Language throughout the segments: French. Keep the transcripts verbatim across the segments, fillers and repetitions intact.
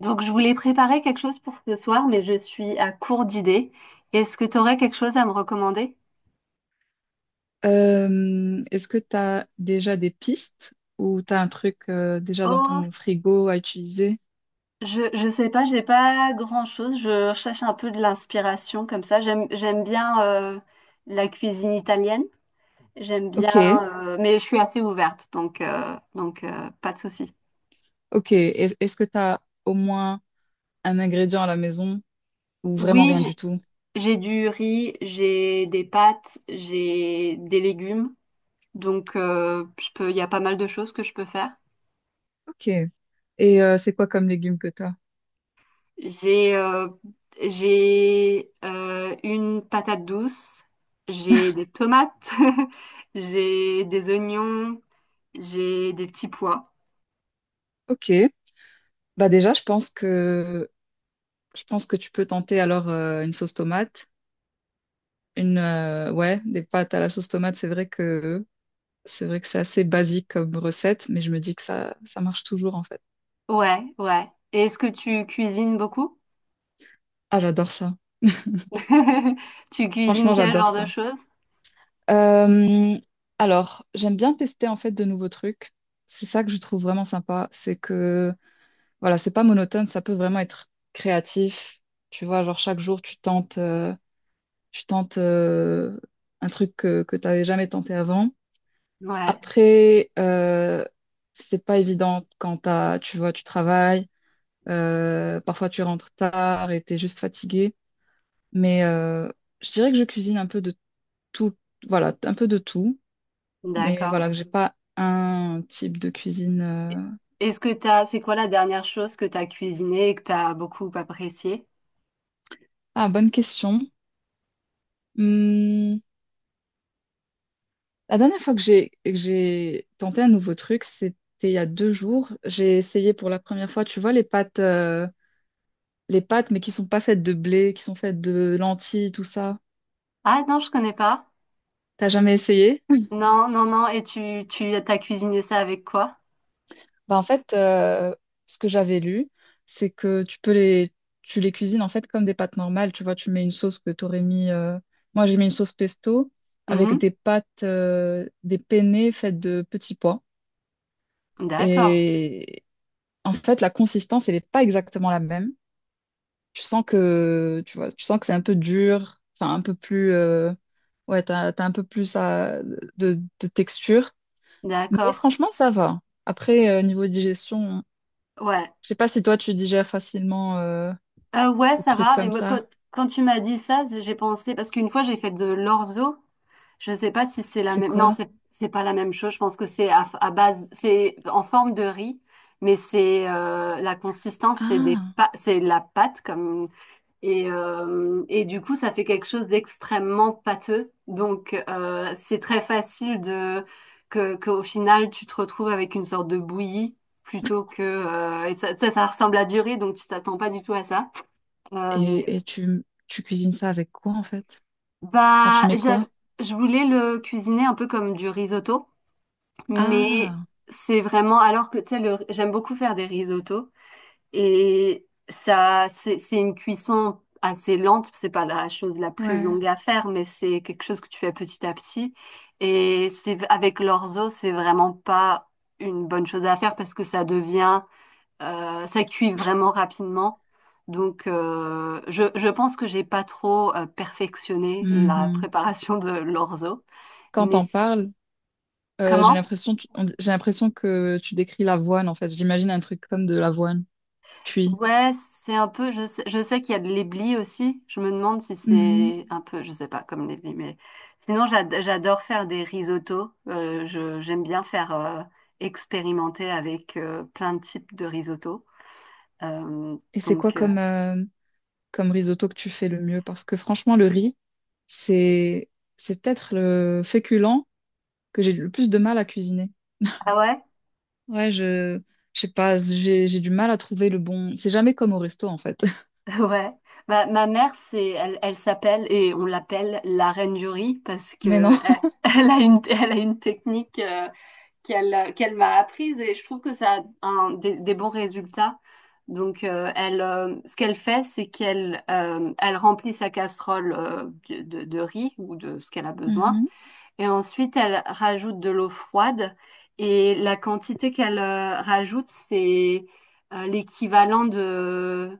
Donc, je voulais préparer quelque chose pour ce soir, mais je suis à court d'idées. Est-ce que tu aurais quelque chose à me recommander? Euh, est-ce que tu as déjà des pistes ou tu as un truc euh, déjà dans Oh, ton frigo à utiliser? je, je sais pas, j'ai pas grand-chose. Je cherche un peu de l'inspiration comme ça. J'aime, j'aime bien euh, la cuisine italienne. J'aime bien, Ok, euh, mais je suis assez ouverte, donc, euh, donc euh, pas de souci. ok. Est- Est-ce que tu as au moins un ingrédient à la maison ou vraiment Oui, rien j'- du tout? j'ai du riz, j'ai des pâtes, j'ai des légumes. Donc, euh, je peux, il y a pas mal de choses que je peux faire. Ok. Et euh, c'est quoi comme légumes que tu as? J'ai euh, j'ai euh, une patate douce, j'ai des tomates, j'ai des oignons, j'ai des petits pois. Ok. Bah déjà, je pense que je pense que tu peux tenter alors euh, une sauce tomate, une euh, ouais, des pâtes à la sauce tomate, c'est vrai que c'est vrai que c'est assez basique comme recette, mais je me dis que ça ça marche toujours en fait. Ouais, ouais. Et est-ce que tu cuisines beaucoup? Ah, j'adore ça. Tu cuisines Franchement, quel j'adore genre de ça. choses? Euh, alors, j'aime bien tester en fait de nouveaux trucs. C'est ça que je trouve vraiment sympa. C'est que, voilà, c'est pas monotone, ça peut vraiment être créatif. Tu vois, genre chaque jour, tu tentes, euh, tu tentes euh, un truc que, que tu jamais tenté avant. Ouais, Après, euh, c'est pas évident quand t'as, tu vois, tu travailles. Euh, parfois, tu rentres tard et t'es juste fatigué. Mais euh, je dirais que je cuisine un peu de tout, voilà, un peu de tout. Mais d'accord. voilà, que j'ai pas un type de cuisine. euh. Est-ce que t'as, c'est quoi la dernière chose que t'as cuisinée et que t'as beaucoup appréciée? Ah, bonne question. Hmm, La dernière fois que j'ai que j'ai tenté un nouveau truc, c'était il y a deux jours. J'ai essayé pour la première fois, tu vois, les pâtes, euh, les pâtes, mais qui sont pas faites de blé, qui sont faites de lentilles, tout ça. Ah non, je connais pas. T'as jamais essayé? Non, non, non. Et tu, tu, t'as cuisiné ça avec quoi? Bah, en fait, euh, ce que j'avais lu, c'est que tu peux les, tu les cuisines en fait comme des pâtes normales. Tu vois, tu mets une sauce que tu aurais mis. euh, Moi, j'ai mis une sauce pesto avec Mhm. des pâtes, euh, des penne faites de petits pois. D'accord, Et en fait, la consistance, elle n'est pas exactement la même. Tu sens que, tu vois, tu sens que c'est un peu dur, enfin un peu plus, euh, ouais, t'as, t'as un peu plus à- de, de texture. Mais d'accord. franchement, ça va. Après, euh, niveau digestion. Ouais. Je sais pas si toi tu digères facilement euh, Euh, ouais, des ça trucs va, mais comme moi, quand, ça. quand tu m'as dit ça, j'ai pensé, parce qu'une fois j'ai fait de l'orzo, je ne sais pas si c'est la C'est même, non, quoi? c'est, c'est pas la même chose, je pense que c'est à, à base, c'est en forme de riz, mais c'est euh, la consistance, c'est des Ah, pa- c'est de la pâte, comme, et, euh, et du coup, ça fait quelque chose d'extrêmement pâteux, donc euh, c'est très facile de, que, qu'au final, tu te retrouves avec une sorte de bouillie. Plutôt que... euh, et ça, ça, ça ressemble à du riz, donc tu t'attends pas du tout à ça. Euh, et, et tu, tu cuisines ça avec quoi en fait? Enfin, tu bah, mets j'av- quoi? je voulais le cuisiner un peu comme du risotto, mais Ah, c'est vraiment alors que tu sais, le- j'aime beaucoup faire des risottos et ça, c'est c'est une cuisson assez lente. C'est pas la chose la plus ouais. longue à faire, mais c'est quelque chose que tu fais petit à petit. Et c'est avec l'orzo, c'est vraiment pas une bonne chose à faire parce que ça devient Euh, ça cuit vraiment rapidement. Donc, euh, je, je pense que j'ai pas trop euh, perfectionné la Mhm. préparation de l'orzo. Quand Mais t'en c- parles, euh, j'ai Comment? l'impression tu- on- j'ai l'impression que tu décris l'avoine en fait. J'imagine un truc comme de l'avoine. Cuit. Ouais, c'est un peu. Je sais, je sais qu'il y a de l'éblis aussi. Je me demande si Mhm. c'est un peu, je sais pas, comme l'éblis. Mais sinon, j'ad- j'adore faire des risottos. Euh, je, j'aime bien faire euh, expérimenter avec euh, plein de types de risottos. Euh, Et c'est quoi donc, euh, comme, euh, comme risotto que tu fais le mieux? Parce que franchement, le riz, c'est c'est peut-être le féculent que j'ai le plus de mal à cuisiner. ah ouais? Ouais, je, je sais pas, j'ai, j'ai du mal à trouver le bon. C'est jamais comme au resto, en fait. Ouais, bah, ma mère, c'est, elle, elle s'appelle et on l'appelle la reine du riz parce Mais non. que elle, elle a une, elle a une technique euh, qu'elle, qu'elle m'a apprise et je trouve que ça a un- des, des bons résultats. Donc, euh, elle, euh, ce qu'elle fait, c'est qu'elle, euh, elle remplit sa casserole euh, de, de de riz ou de ce qu'elle a besoin. Mhm. Et ensuite, elle rajoute de l'eau froide et la quantité qu'elle euh, rajoute, c'est euh, l'équivalent de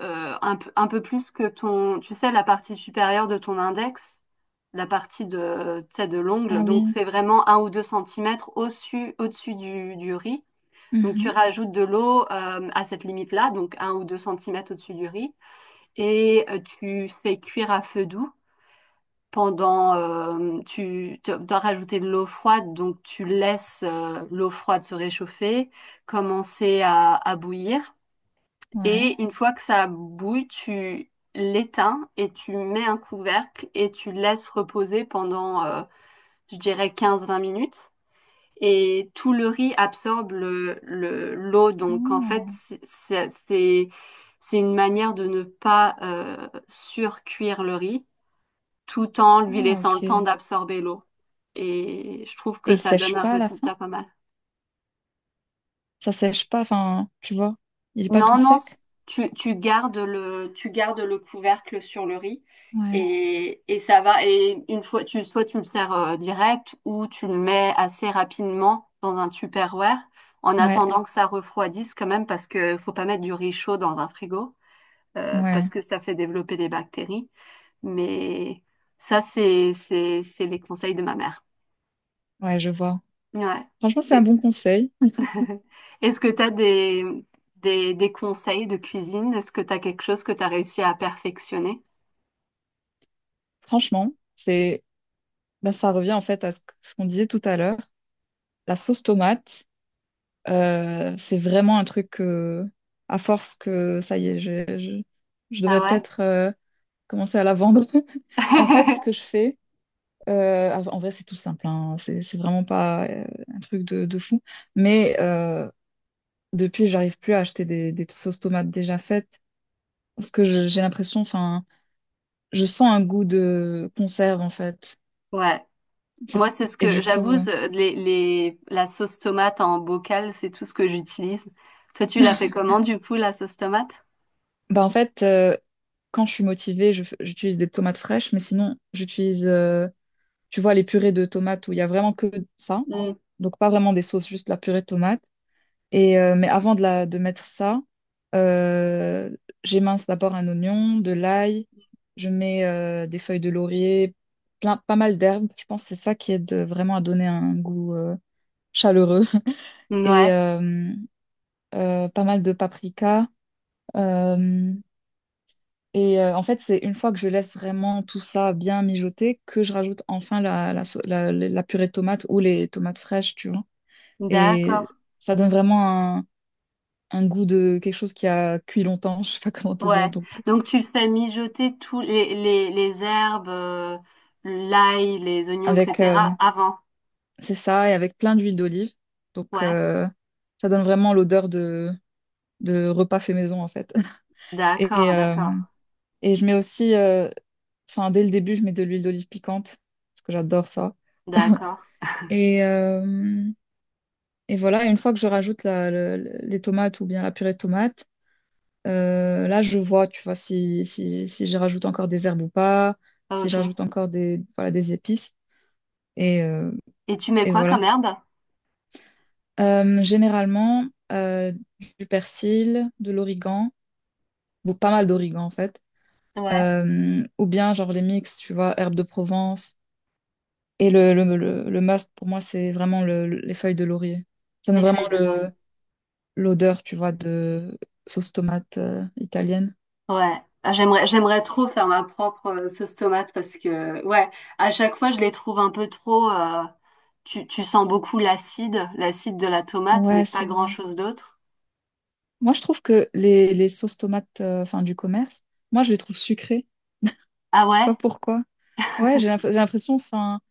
euh, un, peu un peu plus que ton, tu sais, la partie supérieure de ton index, la partie de, tu sais, de l'ongle. Ah Donc, oui. c'est vraiment un ou deux centimètres au-dessus, au-dessus du, du riz. Donc, tu Mhm. rajoutes de l'eau euh, à cette limite-là, donc un ou deux centimètres au-dessus du riz, et euh, tu fais cuire à feu doux pendant, euh, tu, tu dois rajouter de l'eau froide, donc tu laisses euh, l'eau froide se réchauffer, commencer à, à bouillir. Ouais. Et une fois que ça bouille, tu l'éteins et tu mets un couvercle et tu laisses reposer pendant, euh, je dirais, quinze vingt minutes. Et tout le riz absorbe le, le- l'eau. Donc en fait, Ah, c'est, c'est, c'est c'est une manière de ne pas euh, surcuire le riz tout en lui ah, laissant le ok. temps Et d'absorber l'eau et je trouve que il ça donne sèche un pas à la fin? résultat pas mal. Ça sèche pas, enfin, tu vois. Il est pas tout Non, non, c- sec? tu, tu gardes le, tu gardes le couvercle sur le riz Ouais. et, et ça va. Et une fois, tu, soit tu le sers euh, direct ou tu le mets assez rapidement dans un Tupperware en Ouais. attendant que ça refroidisse quand même parce que faut pas mettre du riz chaud dans un frigo euh, parce Ouais. que ça fait développer des bactéries. Mais ça, c'est, c'est, c'est les conseils de ma mère. Ouais, je vois. Ouais. Franchement, c'est un Et- bon conseil. Est-ce que tu as des, des, des conseils de cuisine? Est-ce que tu as quelque chose que tu as réussi à perfectionner? Franchement, c'est, bah, ça revient en fait à ce que- ce qu'on disait tout à l'heure. La sauce tomate, euh, c'est vraiment un truc que, à force que, ça y est, je, je, je Ah devrais ouais? peut-être. Euh, commencer à la vendre. En fait, ce que je fais, euh, en en vrai, c'est tout simple, hein. C'est, c'est vraiment pas euh, un truc de, de fou. Mais euh, Depuis, j'arrive plus à acheter des, des sauces tomates déjà faites parce que je- j'ai l'impression, enfin, je sens un goût de conserve en fait. Ouais. C'est- Moi, c'est ce Et que du coup, j'avoue, euh, ce- les, les, la sauce tomate en bocal, c'est tout ce que j'utilise. Toi, tu l'as fait comment, du coup, la sauce tomate? bah en fait, euh, quand je suis motivée, je f- j'utilise des tomates fraîches, mais sinon, j'utilise, euh, tu vois, les purées de tomates où il y a vraiment que ça. Mm. Donc pas vraiment des sauces, juste la purée de tomates. Et, euh, mais avant de, la, de mettre ça, euh, j'émince d'abord un oignon, de l'ail, je mets euh, des feuilles de laurier, plein, pas mal d'herbes. Je pense que c'est ça qui aide vraiment à donner un goût euh, chaleureux. Et Ouais, euh, euh, pas mal de paprika. euh, et euh, En fait, c'est une fois que je laisse vraiment tout ça bien mijoter que je rajoute enfin la, la, so- la- la purée de tomates ou les tomates fraîches, tu vois. Et d'accord. ça donne vraiment un goût de quelque chose qui a cuit longtemps, je sais pas comment te dire. Ouais. Donc, Donc, tu fais mijoter tous les, les, les herbes, euh, l'ail, les oignons, avec, euh, et cetera avant. c'est ça, et avec plein d'huile d'olive. Donc, Ouais. euh, ça donne vraiment l'odeur de, de repas fait maison, en fait. Et, D'accord, euh, d'accord, et je mets aussi, euh, enfin, dès le début, je mets de l'huile d'olive piquante, parce que j'adore ça. d'accord. Et, euh, et voilà, une fois que je rajoute la- le- le- les tomates ou bien la purée de tomates, euh, là, je vois, tu vois, si, si, si je rajoute encore des herbes ou pas, si je Ok. rajoute encore des, voilà, des épices. Et, euh, Et tu mets Et quoi voilà. comme herbe? Euh, généralement, euh, du persil, de l'origan, ou pas mal d'origan en fait. Ouais, Euh, ou bien genre les mix, tu vois, herbes de Provence. Et le, le, le, le must pour moi, c'est vraiment le- le- les feuilles de laurier. Ça donne les feuilles vraiment de laurier. le, l'odeur, tu vois, de sauce tomate euh, italienne. Ouais, ah, j'aimerais j'aimerais trop faire ma propre euh, sauce tomate parce que ouais, à chaque fois je les trouve un peu trop euh, tu tu sens beaucoup l'acide, l'acide, de la tomate mais Ouais, c'est pas vrai. grand-chose d'autre. Moi, je trouve que les, les sauces tomates euh, enfin, du commerce, moi, je les trouve sucrées. Ah Je sais pas ouais? pourquoi. Ouais, j'ai l'imp- j'ai l'impression, enfin.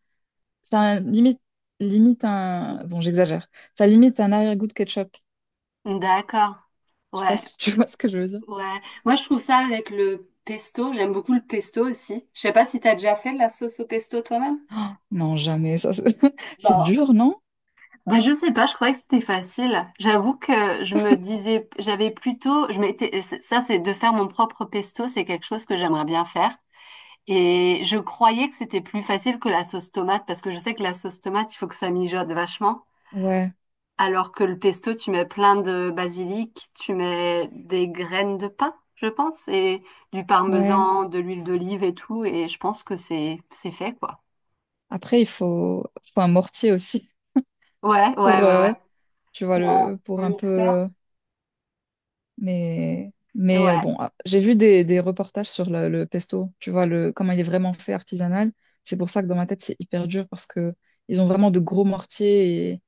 Ça limite, Limite un. Bon, j'exagère. Ça limite un arrière-goût de ketchup. D'accord. Je sais pas Ouais, si tu vois ce que je veux dire. ouais. Moi je trouve ça avec le pesto, j'aime beaucoup le pesto aussi. Je sais pas si t'as déjà fait de la sauce au pesto toi-même? Oh, non, jamais. Ça, c'est c'est Bon, dur, non? bah, je sais pas, je croyais que c'était facile. J'avoue que je me disais, j'avais plutôt, je m'étais, ça c'est de faire mon propre pesto, c'est quelque chose que j'aimerais bien faire. Et je croyais que c'était plus facile que la sauce tomate, parce que je sais que la sauce tomate, il faut que ça mijote vachement. Ouais, Alors que le pesto, tu mets plein de basilic, tu mets des graines de pain, je pense, et du ouais. parmesan, de l'huile d'olive et tout, et je pense que c'est, c'est fait, quoi. Après, il faut, faut un mortier aussi Ouais, pour, ouais, ouais, euh, ouais. tu vois, Ou Un le, pour un un peu. mixeur. Euh, mais, mais euh, Ouais, bon, ah, j'ai vu des, des reportages sur le, le pesto. Tu vois, le, comment il est vraiment fait artisanal. C'est pour ça que dans ma tête, c'est hyper dur parce que ils ont vraiment de gros mortiers.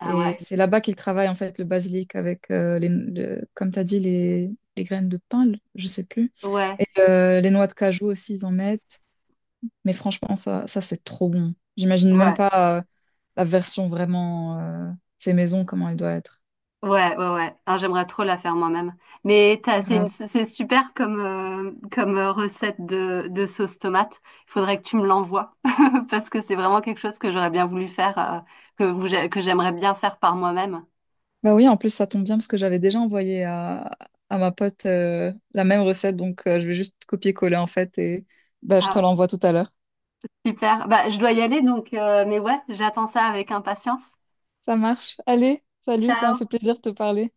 ah Et ouais. c'est là-bas qu'il travaille en fait le basilic avec, euh, les, le- comme tu as dit, les, les graines de pain, le- je sais plus. Ouais, Et euh, les noix de cajou aussi, ils en mettent. Mais franchement, ça, ça c'est trop bon. J'imagine même ouais, pas euh, la version vraiment euh, fait maison, comment elle doit être. ouais, ouais, ouais. Ah, j'aimerais trop la faire moi-même. Mais t'as- c'est une, Grave. c'est super comme, euh, comme euh, recette de, de sauce tomate. Il faudrait que tu me l'envoies parce que c'est vraiment quelque chose que j'aurais bien voulu faire, euh, que, vous- que j'aimerais bien faire par moi-même. Bah oui, en plus, ça tombe bien parce que j'avais déjà envoyé à, à ma pote euh, la même recette. Donc, euh, je vais juste copier-coller en fait. Et bah, je te Ah, l'envoie tout à l'heure. super. Bah, je dois y aller donc, euh, mais ouais, j'attends ça avec impatience. Ça marche. Allez, salut, ça m'a fait Ciao. plaisir de te parler.